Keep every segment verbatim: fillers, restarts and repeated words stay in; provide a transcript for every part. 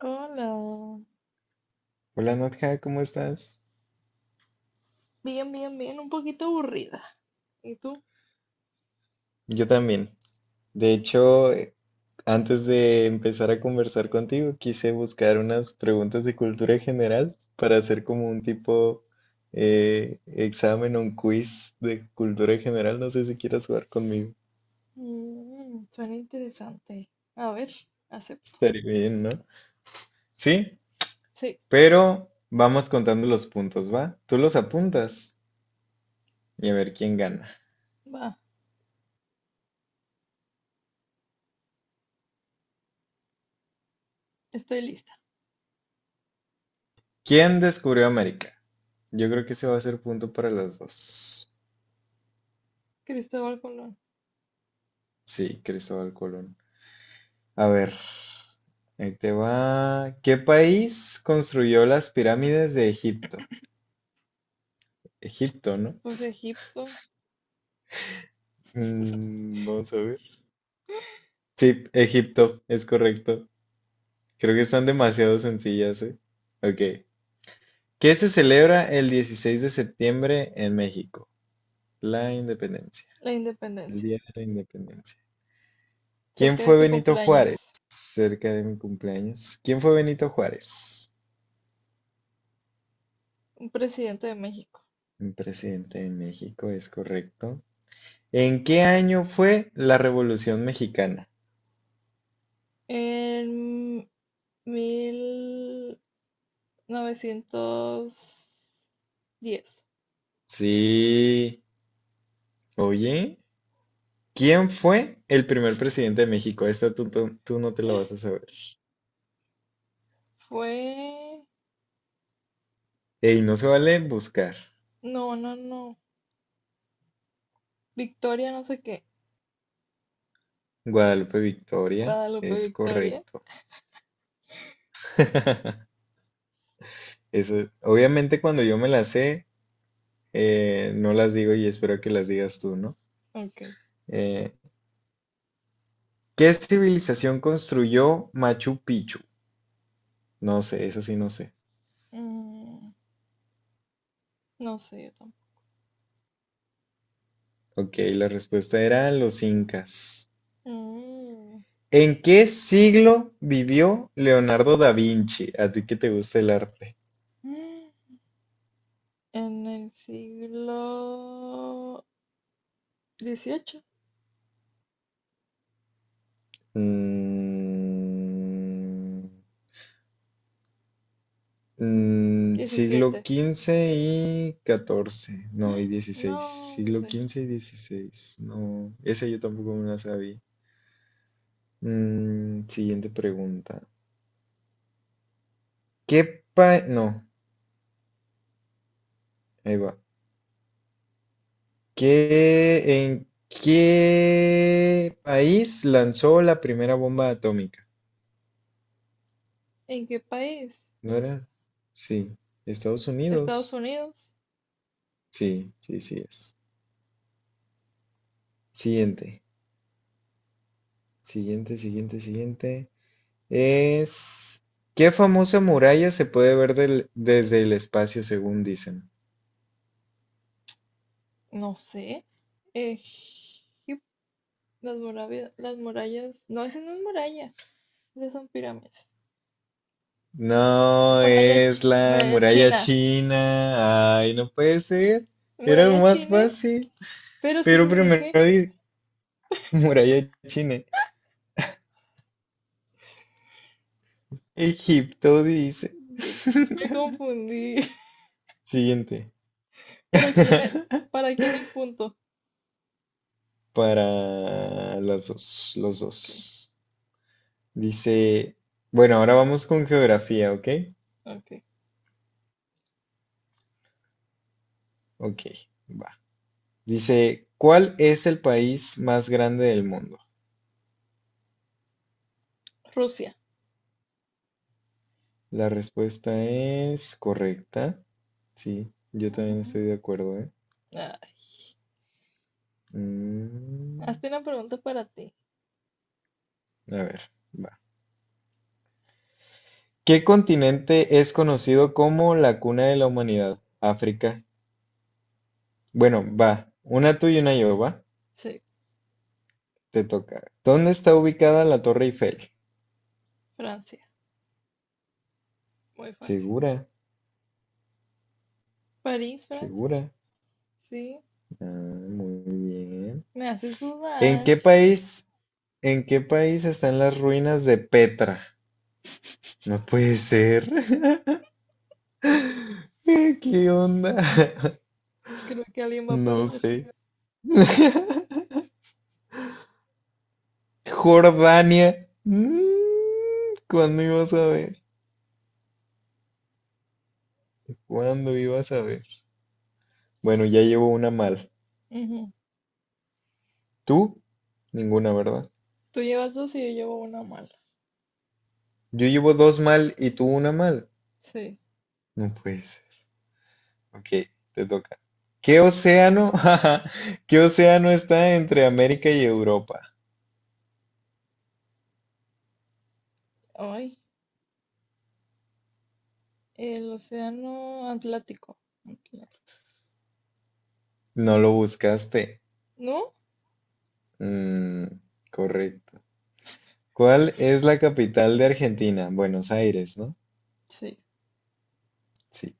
Hola, Hola Nadja, ¿cómo estás? bien, bien, bien, un poquito aburrida. ¿Y tú? Yo también. De hecho, eh, antes de empezar a conversar contigo, quise buscar unas preguntas de cultura general para hacer como un tipo eh, examen o un quiz de cultura general. No sé si quieras jugar conmigo. Mm, suena interesante. A ver, acepto. Estaría bien, ¿no? Sí, Sí, pero vamos contando los puntos, ¿va? Tú los apuntas y a ver quién gana. va, estoy lista. ¿Quién descubrió América? Yo creo que ese va a ser punto para las dos. Cristóbal Colón, Sí, Cristóbal Colón. A ver, ahí te va. ¿Qué país construyó las pirámides de Egipto? Egipto, ¿no? pues Egipto. Mm, vamos a ver. Sí, Egipto, es correcto. Creo que están demasiado sencillas, ¿eh? Ok. ¿Qué se celebra el dieciséis de septiembre en México? La independencia. La El independencia. Día de la Independencia. ¿Quién Cerca de fue tu Benito cumpleaños, Juárez? Cerca de mi cumpleaños. ¿Quién fue Benito Juárez? un presidente de México. Un presidente de México, es correcto. ¿En qué año fue la Revolución Mexicana? En mil novecientos diez. Sí. Oye, ¿quién fue el primer presidente de México? Esta tú, tú- tú no te la vas a saber. Fue... Ey, no se vale buscar. No, no, no. Victoria, no sé qué. Guadalupe Victoria, Guadalupe es Victoria. correcto. Eso, obviamente cuando yo me las sé, eh, no las digo y espero que las digas tú, ¿no? Ok. Eh, ¿qué civilización construyó Machu Picchu? No sé, eso sí no sé. Mm, no sé, yo tampoco. Ok, la respuesta era los incas. Mm, ¿En qué siglo vivió Leonardo da Vinci? A ti que te gusta el arte. mm, en el siglo dieciocho, Mm, mm, siglo diecisiete. quince y catorce, no, y No, dieciséis. Siglo hombre. XV y dieciséis, no, esa yo tampoco me la sabía. Mm, siguiente pregunta. ¿Qué pa... No, ahí va. ¿Qué, en qué país lanzó la primera bomba atómica? ¿En qué país? ¿No era? Sí. Estados ¿Estados Unidos. Unidos? Sí, sí, sí es. Siguiente, siguiente, siguiente, siguiente. Es... ¿Qué famosa muralla se puede ver del- desde el espacio, según dicen? No sé. Egipto, las murallas, las murallas. No, esa no es muralla. Esas son pirámides. No, Muralla, es ch- la muralla muralla china. china. Ay, no puede ser. Era lo Muralla más china. fácil. Pero sí Pero que dije. primero dice muralla china. Egipto dice. Me, me confundí. Siguiente. Pero quién es, ¿para quién es punto? Para las dos, los Ok. dos. Dice, bueno, ahora vamos con geografía, ¿ok? Ok. Ok, va. Dice, ¿cuál es el país más grande del mundo? Rusia. La respuesta es correcta. Sí, yo también Ujú. estoy de acuerdo, ¿eh? Ay, Mm, hazte una pregunta para ti. a ver, va. ¿Qué continente es conocido como la cuna de la humanidad? África. Bueno, va. Una tú y una yo, va. Sí, Te toca. ¿Dónde está ubicada la Torre Eiffel? Francia. Muy fácil. Segura. París, Francia. ¿Segura? Sí. Ah, muy bien. Me haces ¿En dudar. qué país, ¿en qué país están las ruinas de Petra? No puede ser. ¿Qué onda? Creo que alguien va a No perder. sé. Jordania. Mm, ¿cuándo ibas a ver? ¿Cuándo ibas a ver? Bueno, ya llevo una mal. Ujú. ¿Tú? Ninguna, ¿verdad? Tú llevas dos y yo llevo una mala. Yo llevo dos mal y tú una mal. Sí. No puede ser. Ok, te toca. ¿Qué océano? ¿Qué océano está entre América y Europa? Ay, el océano Atlántico. Atla- No lo buscaste. ¿No? Mm, correcto. ¿Cuál es la capital de Argentina? Buenos Aires, ¿no? Sí. Sí.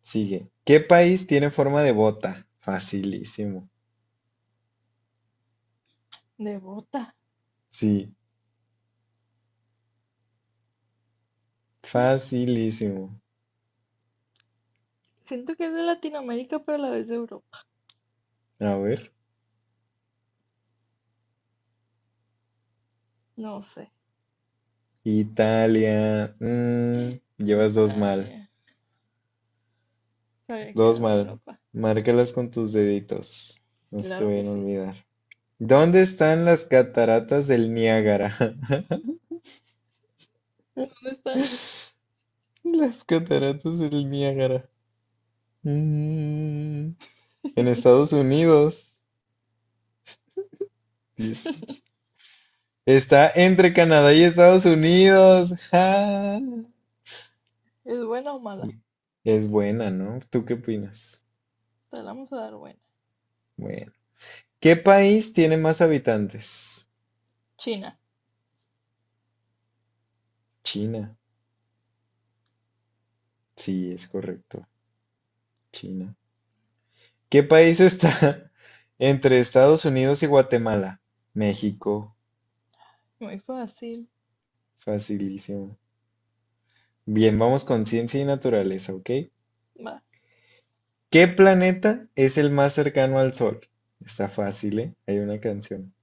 Sigue. ¿Qué país tiene forma de bota? Facilísimo. De bota. Sí, facilísimo. Siento que es de Latinoamérica, pero a la vez de Europa. A ver. No sé. Italia. Mm, llevas dos mal. Italia. Sabía que Dos era de mal. Europa. Márcalas con tus deditos. No se te Claro que vayan a sí. olvidar. ¿Dónde están las cataratas del Niágara? ¿Dónde están? Las cataratas del Niágara. Mm, en Estados Unidos. Dieciocho. Está entre Canadá y Estados Unidos. Ja. ¿Es buena o mala? Es buena, ¿no? ¿Tú qué opinas? Te la vamos a dar buena. Bueno. ¿Qué país tiene más habitantes? China. China. Sí, es correcto. China. ¿Qué país está entre Estados Unidos y Guatemala? México. Muy fácil. Facilísimo. Bien, vamos con ciencia y naturaleza, ¿ok? Va. ¿Qué planeta es el más cercano al Sol? Está fácil, ¿eh? Hay una canción.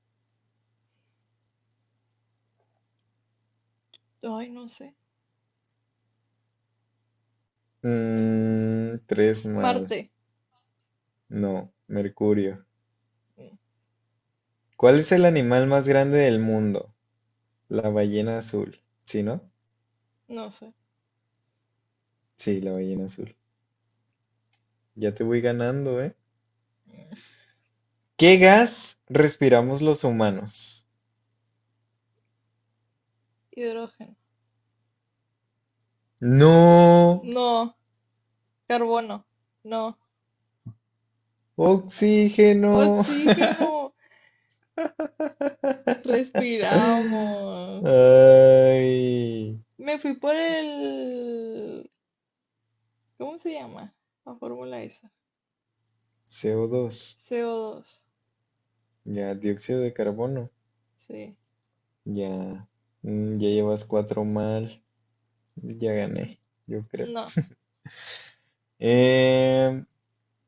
Ay, no sé. Mm, tres más. Marte. No, Mercurio. Mm. ¿Cuál es el animal más grande del mundo? La ballena azul. ¿Sí, no? No sé. Sí, la ballena azul. Ya te voy ganando, ¿eh? ¿Qué gas respiramos los humanos? Hidrógeno. No, No. Carbono. No. oxígeno. Oxígeno. Respiramos. Ay, Me fui por el... ¿Cómo se llama? La fórmula esa. C O dos. C O dos. Ya, dióxido de carbono. Sí. Ya, mm, ya llevas cuatro mal. Ya Mm. gané, yo creo. No. Em,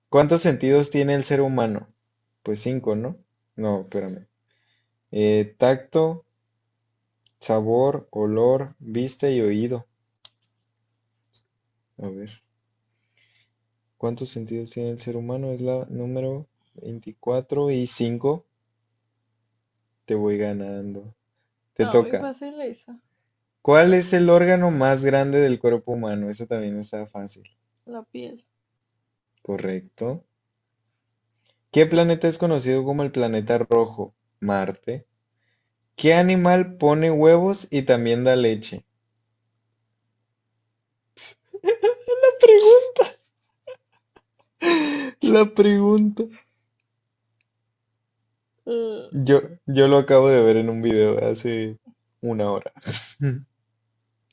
¿cuántos sentidos tiene el ser humano? Pues cinco, ¿no? No, espérame. Eh, tacto, sabor, olor, vista y oído. A ver, ¿cuántos sentidos tiene el ser humano? Es la número veinticuatro y cinco. Te voy ganando. Te No, muy toca. fácil esa. ¿Cuál es el órgano más grande del cuerpo humano? Esa también está fácil. La piel. Correcto. ¿Qué planeta es conocido como el planeta rojo? Marte. ¿Qué animal pone huevos y también da leche? La pregunta. La pregunta. Eh, Yo, yo lo acabo de ver en un video hace una hora.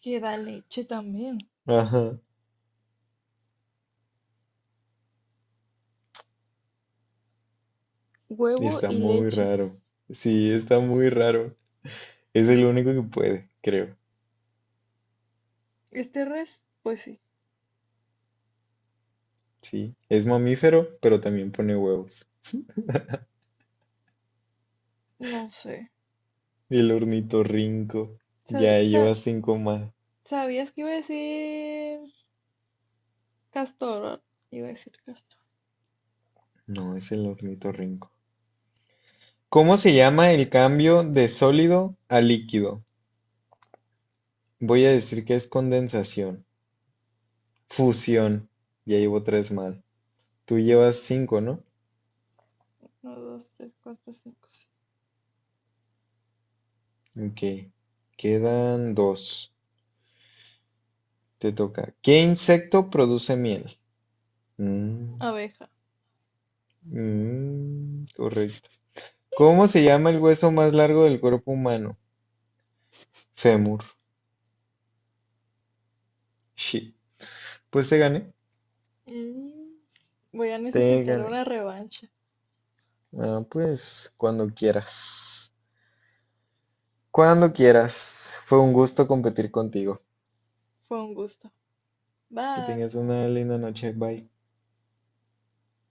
que da leche también. Ajá. Y Huevo está y muy leches. raro. Sí, está muy raro. Es el único que puede, creo. Este res, pues sí, Sí. Es mamífero, pero también pone huevos. no sé. Y el ornitorrinco. Sab- Ya sa- lleva cinco más. ¿Sabías que iba a decir castor? ¿Va? Iba a decir castor. No, es el ornitorrinco. ¿Cómo se llama el cambio de sólido a líquido? Voy a decir que es condensación. Fusión. Ya llevo tres mal. Tú llevas cinco, ¿no? Uno, dos, tres, cuatro, cinco, seis. Ok. Quedan dos. Te toca. ¿Qué insecto produce miel? Mm, Abeja. mm, correcto. ¿Cómo se llama el hueso más largo del cuerpo humano? Fémur. Shit. Pues te gané. Mm, Voy a Te necesitar gané. una revancha. Ah, pues cuando quieras. Cuando quieras. Fue un gusto competir contigo. Fue un gusto. Que Bye. tengas una linda noche. Bye.